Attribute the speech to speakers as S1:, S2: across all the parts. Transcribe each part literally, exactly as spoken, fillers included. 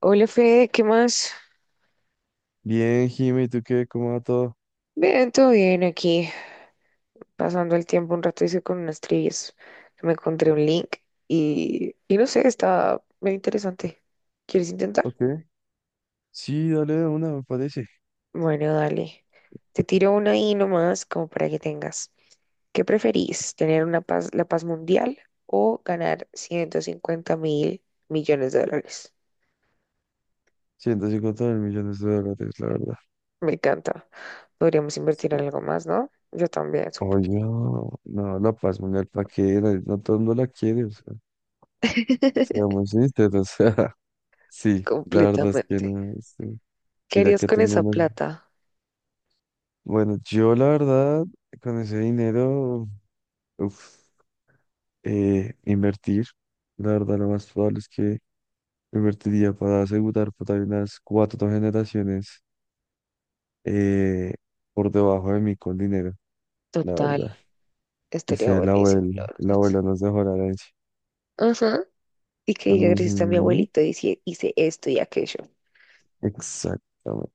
S1: Hola Fede, ¿qué más?
S2: Bien, Jimmy, ¿tú qué? ¿Cómo va todo?
S1: Bien, todo bien aquí, pasando el tiempo un rato hice con unas trivias que me encontré un link y, y no sé, está muy interesante. ¿Quieres intentar?
S2: Ok. Sí, dale de una, me parece.
S1: Bueno, dale. Te tiro una ahí nomás como para que tengas. ¿Qué preferís? ¿Tener una paz, la paz mundial o ganar ciento cincuenta mil millones de dólares?
S2: ciento cincuenta mil millones de dólares, la verdad.
S1: Me encanta. Podríamos invertir en algo más, ¿no? Yo también, sup-
S2: Oye, no, no, la paz mundial, ¿para qué? No, no todo el mundo la quiere, o sea, seamos sinceros. Sí, la verdad es que
S1: Completamente.
S2: no, sí.
S1: ¿Qué
S2: Mira
S1: harías
S2: que
S1: con
S2: tengo
S1: esa
S2: unas...
S1: plata?
S2: Bueno, yo la verdad, con ese dinero, uf, eh, invertir, la verdad lo más probable es que invertiría para asegurar para unas cuatro generaciones eh, por debajo de mí con dinero, la verdad.
S1: Total, estaría
S2: Dice el
S1: buenísimo,
S2: abuelo,
S1: la
S2: el
S1: verdad.
S2: abuelo nos dejó la herencia.
S1: Ajá, y que diga gracias a mi
S2: Ujú,
S1: abuelito hice, hice esto y aquello.
S2: exactamente.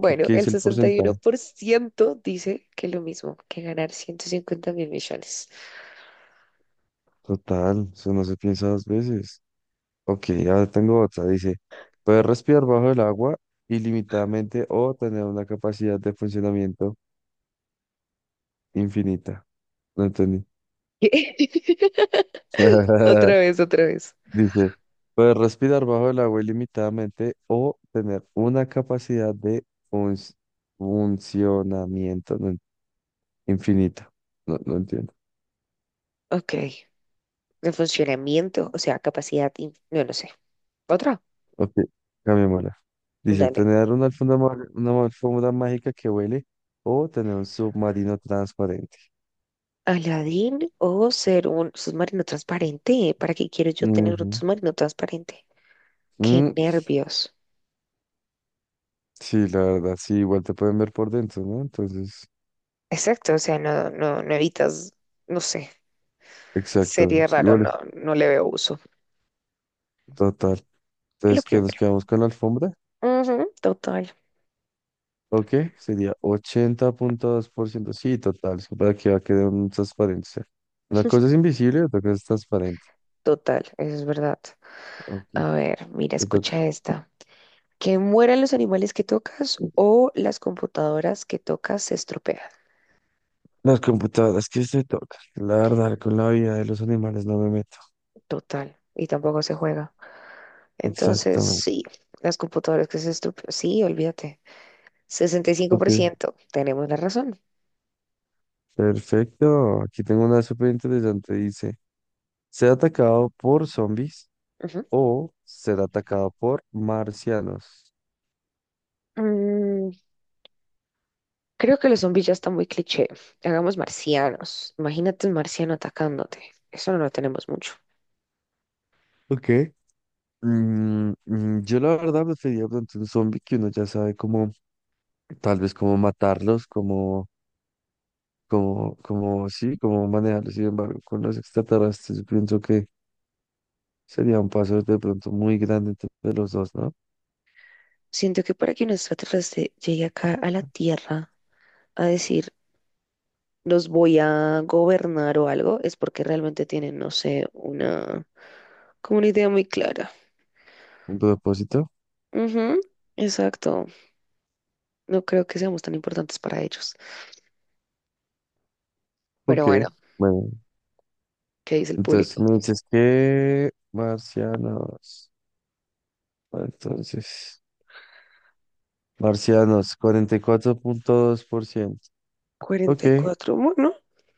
S2: ¿Qué, qué
S1: el
S2: dice el
S1: sesenta y
S2: porcentaje?
S1: uno por ciento dice que lo mismo, que ganar ciento cincuenta mil millones.
S2: Total, eso no se piensa dos veces. Ok, ahora tengo otra. Dice, poder respirar bajo el agua ilimitadamente o tener una capacidad de funcionamiento infinita. No entendí.
S1: Otra vez, otra vez.
S2: Dice, poder respirar bajo el agua ilimitadamente o tener una capacidad de func- funcionamiento no en- infinita. No, no entiendo.
S1: Ok, de funcionamiento, o sea, capacidad, in- no, no sé. Otra,
S2: Ok, cambiémosla. Dice,
S1: dale.
S2: tener una alfombra, ma- una ma- alfombra mágica que huele o tener un submarino transparente.
S1: Aladdin o ser un submarino transparente. ¿Para qué quiero yo tener un
S2: Ujú.
S1: submarino transparente? Qué
S2: Mm,
S1: nervios.
S2: sí, la verdad, sí, igual te pueden ver por dentro, ¿no? Entonces,
S1: Exacto, o sea, no, no, no evitas, no sé, sería
S2: exactamente.
S1: raro,
S2: Igual
S1: no,
S2: es
S1: no le veo uso.
S2: total.
S1: Es lo
S2: Entonces, ¿qué nos
S1: primero.
S2: quedamos con la alfombra?
S1: Ujú, total,
S2: Ok, sería ochenta punto dos por ciento. Sí, total, es que para que va a quedar un transparencia. Una cosa es invisible, otra cosa es transparente.
S1: total, eso es verdad.
S2: Ok,
S1: A ver, mira,
S2: te toca.
S1: escucha esta. Que mueran los animales que tocas o las computadoras que tocas se estropean.
S2: Las computadoras, ¿que se toca? La verdad, con la vida de los animales no me meto.
S1: Total, y tampoco se juega. Entonces,
S2: Exactamente.
S1: sí, las computadoras que se estropean, sí, olvídate. Sesenta y cinco por
S2: Ok,
S1: ciento, tenemos la razón.
S2: perfecto. Aquí tengo una súper interesante. Dice, ser atacado por zombies
S1: Ujú.
S2: o ser atacado por marcianos.
S1: Mm, Creo que los zombies ya están muy cliché. Hagamos marcianos. Imagínate un marciano atacándote. Eso no lo tenemos mucho.
S2: Ok. Mm, mm, yo la verdad preferiría de pronto un zombie, que uno ya sabe cómo, tal vez cómo matarlos, cómo, cómo, cómo, sí, cómo manejarlos. Sin embargo, con los extraterrestres, yo pienso que sería un paso de pronto muy grande entre los dos, ¿no?
S1: Siento que para que un extraterrestre llegue acá a la Tierra a decir, los voy a gobernar o algo, es porque realmente tienen, no sé, una, como una idea muy clara.
S2: Un propósito.
S1: Ujú, exacto. No creo que seamos tan importantes para ellos. Pero
S2: Ok,
S1: bueno,
S2: bueno,
S1: ¿qué dice el
S2: entonces
S1: público?
S2: me dices que marcianos, entonces, marcianos, cuarenta y cuatro punto dos por ciento. Ok, eh,
S1: cuarenta y cuatro, bueno,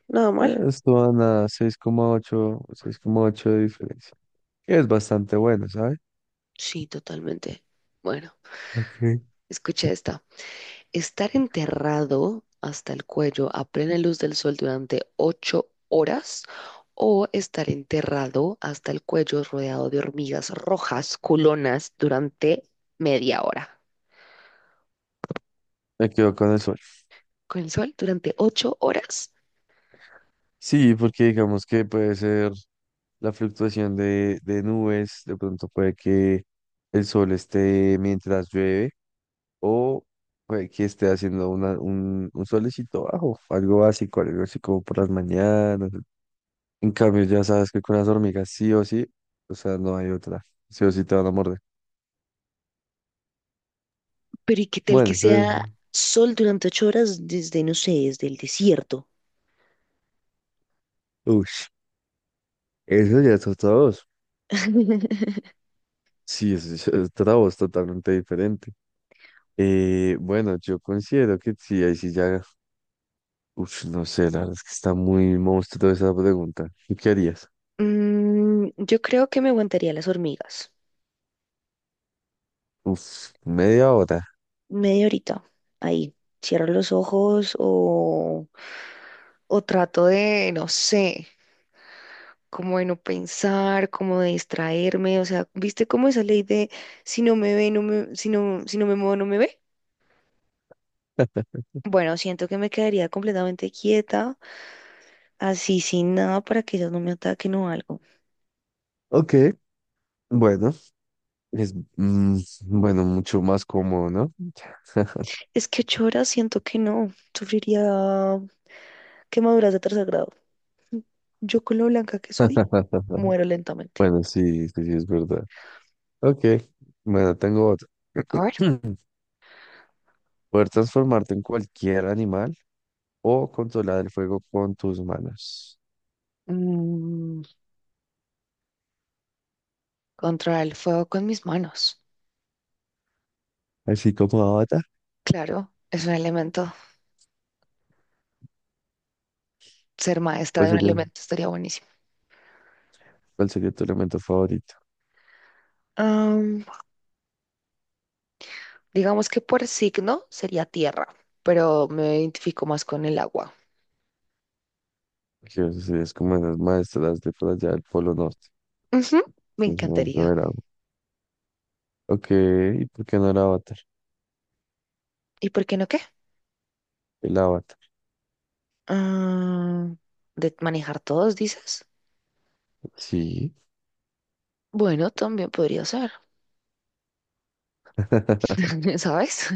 S1: nada mal.
S2: esto van a seis seis coma ocho, seis coma ocho de diferencia, que es bastante bueno, ¿sabes?
S1: Sí, totalmente. Bueno,
S2: Ok.
S1: escucha esta. Estar enterrado hasta el cuello a plena luz del sol durante ocho horas o estar enterrado hasta el cuello rodeado de hormigas rojas culonas durante media hora.
S2: Me quedo con el sol.
S1: Con el sol durante ocho horas.
S2: Sí, porque digamos que puede ser la fluctuación de, de nubes, de pronto puede que el sol esté mientras llueve o puede que esté haciendo una, un, un solecito bajo, algo básico, algo así como por las mañanas. En cambio, ya sabes que con las hormigas sí o sí, o sea, no hay otra, sí o sí te van a morder.
S1: Pero ¿y qué tal
S2: Bueno,
S1: que
S2: eso, es-
S1: sea sol durante ocho horas desde, no sé, desde el desierto?
S2: ush, eso ya es otra voz. Sí, eso ya es otra voz totalmente diferente. Eh, bueno, yo considero que sí, ahí sí ya. Uf, no sé, la verdad es que está muy monstruo esa pregunta. ¿Tú qué harías?
S1: Mm, yo creo que me aguantaría las hormigas.
S2: Uf, media hora.
S1: Media horita. Ahí, cierro los ojos o, o trato de, no sé, como de no pensar, como de distraerme. O sea, ¿viste cómo esa ley de si no me ve, no me, si no, si no me muevo, no me ve? Bueno, siento que me quedaría completamente quieta, así sin nada para que ellos no me ataquen o algo.
S2: Ok, bueno, es mm, bueno, mucho más cómodo, ¿no?
S1: Es que ocho horas siento que no, sufriría quemaduras de tercer grado. Yo con lo blanca que soy, muero lentamente.
S2: Bueno, sí, sí, sí, es verdad. Ok, bueno, tengo otra.
S1: A ver.
S2: Poder transformarte en cualquier animal o controlar el fuego con tus manos.
S1: Mm. Controlar el fuego con mis manos.
S2: Así como Avatar,
S1: Claro, es un elemento. Ser maestra
S2: ¿cuál
S1: de un
S2: sería,
S1: elemento estaría buenísimo.
S2: ¿cuál sería tu elemento favorito?
S1: Am, digamos que por signo sería tierra, pero me identifico más con el agua.
S2: Que eso sí es como en las maestras de por allá del Polo Norte.
S1: Ujú, me
S2: Sí, no, no
S1: encantaría.
S2: era. Ok, ¿y por qué no el avatar?
S1: ¿Y por qué no qué?
S2: El avatar.
S1: Am, de manejar todos, dices.
S2: Sí,
S1: Bueno, también podría ser, ¿sabes?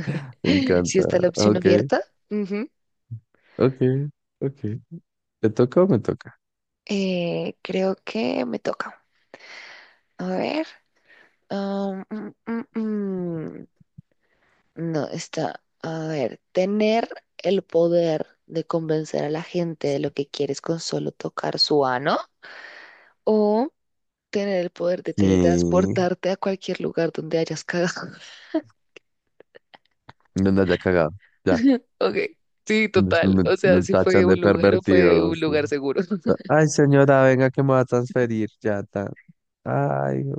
S2: me
S1: Si
S2: encanta.
S1: está la opción
S2: Ok,
S1: abierta. Ujú.
S2: ok, ok. ¿Te toca o me toca?
S1: Eh, creo que me toca. A ver. Am, mm, mm, mm. No, está, a ver, tener el poder de convencer a la gente de lo que quieres con solo tocar su ano o tener el poder de
S2: Y
S1: teletransportarte a cualquier lugar donde hayas cagado.
S2: no me haya cagado. Ya.
S1: Ok, sí,
S2: Después
S1: total.
S2: me,
S1: O sea,
S2: me
S1: si fue
S2: tachan de
S1: un lugar o fue
S2: pervertido,
S1: un
S2: sí.
S1: lugar seguro.
S2: Ay, señora, venga que me va a transferir. Ya está. Ay, no,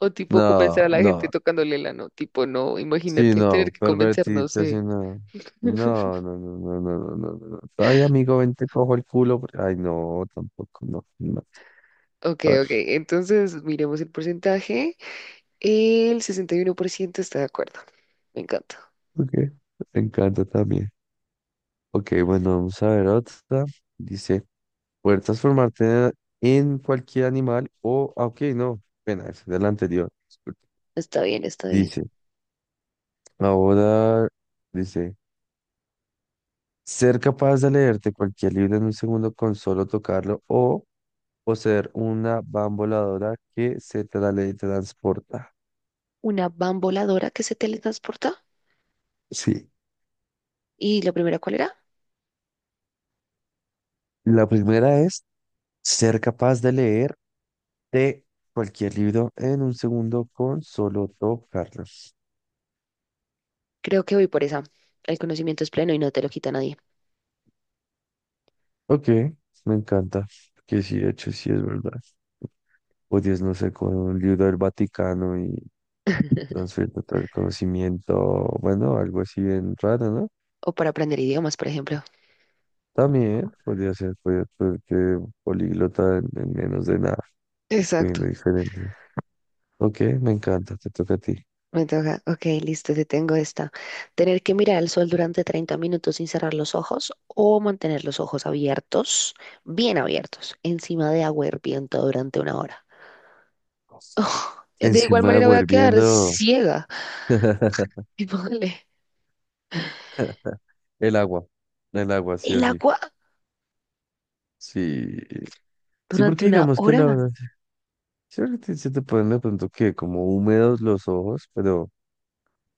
S1: O tipo
S2: no,
S1: convencer a la gente
S2: no.
S1: tocándole el ano. Tipo, no,
S2: Sí,
S1: imagínate tener
S2: no,
S1: que convencer, no
S2: pervertido, sí,
S1: sé.
S2: no. No, no, no, no, no, no, no. no. no. Ay, amigo, ven, te cojo el culo. Ay, no, tampoco, no, no.
S1: Ok,
S2: A ver,
S1: ok, entonces miremos el porcentaje. El sesenta y uno por ciento está de acuerdo. Me encanta.
S2: ok. Me encanta también. Ok, bueno, vamos a ver otra. Dice, poder transformarte en cualquier animal o, ah, ok, no, pena, es de la anterior. Disculpe.
S1: Está bien, está bien.
S2: Dice, ahora, dice, ser capaz de leerte cualquier libro en un segundo con solo tocarlo o poseer una bamboladora que se teletransporta.
S1: Una van voladora que se teletransporta.
S2: Sí,
S1: ¿Y la primera cuál era?
S2: la primera es ser capaz de leerte cualquier libro en un segundo con solo tocarlo.
S1: Creo que voy por esa. El conocimiento es pleno y no te lo quita nadie.
S2: Ok, me encanta. Que sí, de hecho, sí es verdad. Podías, no sé, con un libro del Vaticano y transferir todo el conocimiento, bueno, algo así bien raro, ¿no?
S1: O para aprender idiomas, por ejemplo.
S2: También podría ser, podría ser que políglota en, en menos de nada,
S1: Exacto.
S2: poniendo diferente. Ok, me encanta, te toca a ti.
S1: Me toca. Ok, listo, te tengo esta. Tener que mirar al sol durante treinta minutos sin cerrar los ojos o mantener los ojos abiertos, bien abiertos, encima de agua hirviendo durante una hora. Oh, de igual
S2: Encima de
S1: manera voy
S2: agua
S1: a quedar
S2: hirviendo,
S1: ciega. Y póngale,
S2: el agua, el agua, sí
S1: ¿el
S2: o sí.
S1: agua
S2: Sí, sí, porque
S1: durante una
S2: digamos que la verdad,
S1: hora?
S2: sí, ahorita se te ponen de pronto que como húmedos los ojos, pero.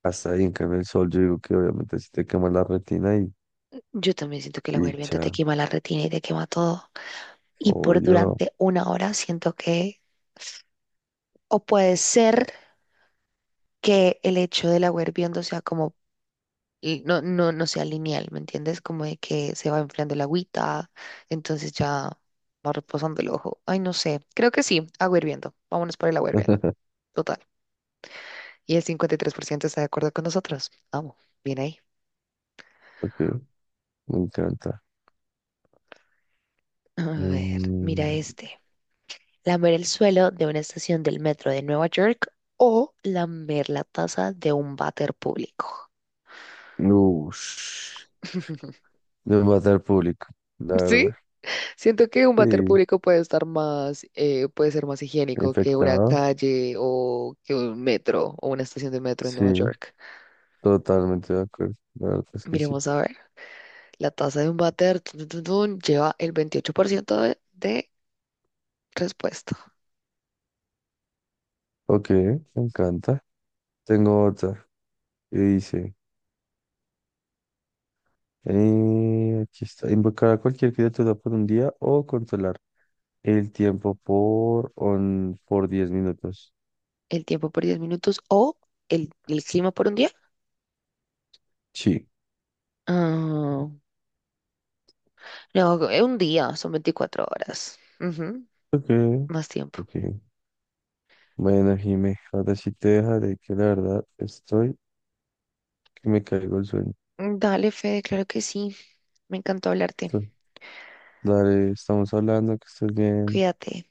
S2: Hasta ahí, en cambio, el sol, yo digo que obviamente si te quema la retina y,
S1: Yo también siento que el agua
S2: y
S1: hirviendo te
S2: chao.
S1: quema la retina y te quema todo. Y por
S2: Obvio.
S1: durante una hora siento que, o puede ser que el hecho del agua hirviendo sea como, y no, no, no sea lineal, ¿me entiendes? Como de que se va enfriando el agüita, entonces ya va reposando el ojo. Ay, no sé. Creo que sí, agua hirviendo. Vámonos por el agua hirviendo. Total. Y el cincuenta y tres por ciento está de acuerdo con nosotros. Vamos, bien ahí.
S2: Ok, me encanta.
S1: A ver,
S2: Mm,
S1: mira este. Lamer el suelo de una estación del metro de Nueva York o lamer la taza de un váter público.
S2: ush, de matar público, la
S1: Sí,
S2: verdad.
S1: siento que un váter
S2: Sí,
S1: público puede estar más, eh, puede ser más higiénico que una
S2: infectado.
S1: calle o que un metro o una estación de metro en
S2: Sí,
S1: Nueva York.
S2: totalmente de acuerdo. La verdad es que sí.
S1: Miremos a ver, la tasa de un váter tun, tun, tun, tun, lleva el veintiocho por ciento de, de respuesta.
S2: Ok, me encanta. Tengo otra y dice, eh, aquí está, invocar a cualquier criatura por un día o controlar el tiempo por, on- por diez minutos.
S1: El tiempo por diez minutos o el, el clima por un día.
S2: Sí.
S1: Ah, no, eh, un día, son veinticuatro horas. Ujú.
S2: Ok,
S1: Más tiempo.
S2: Ok. Bueno, Jime, ahora sí te dejaré que la verdad estoy que me caigo el sueño.
S1: Dale, Fede, claro que sí. Me encantó hablarte.
S2: Entonces, dale, estamos hablando, que estés bien.
S1: Cuídate.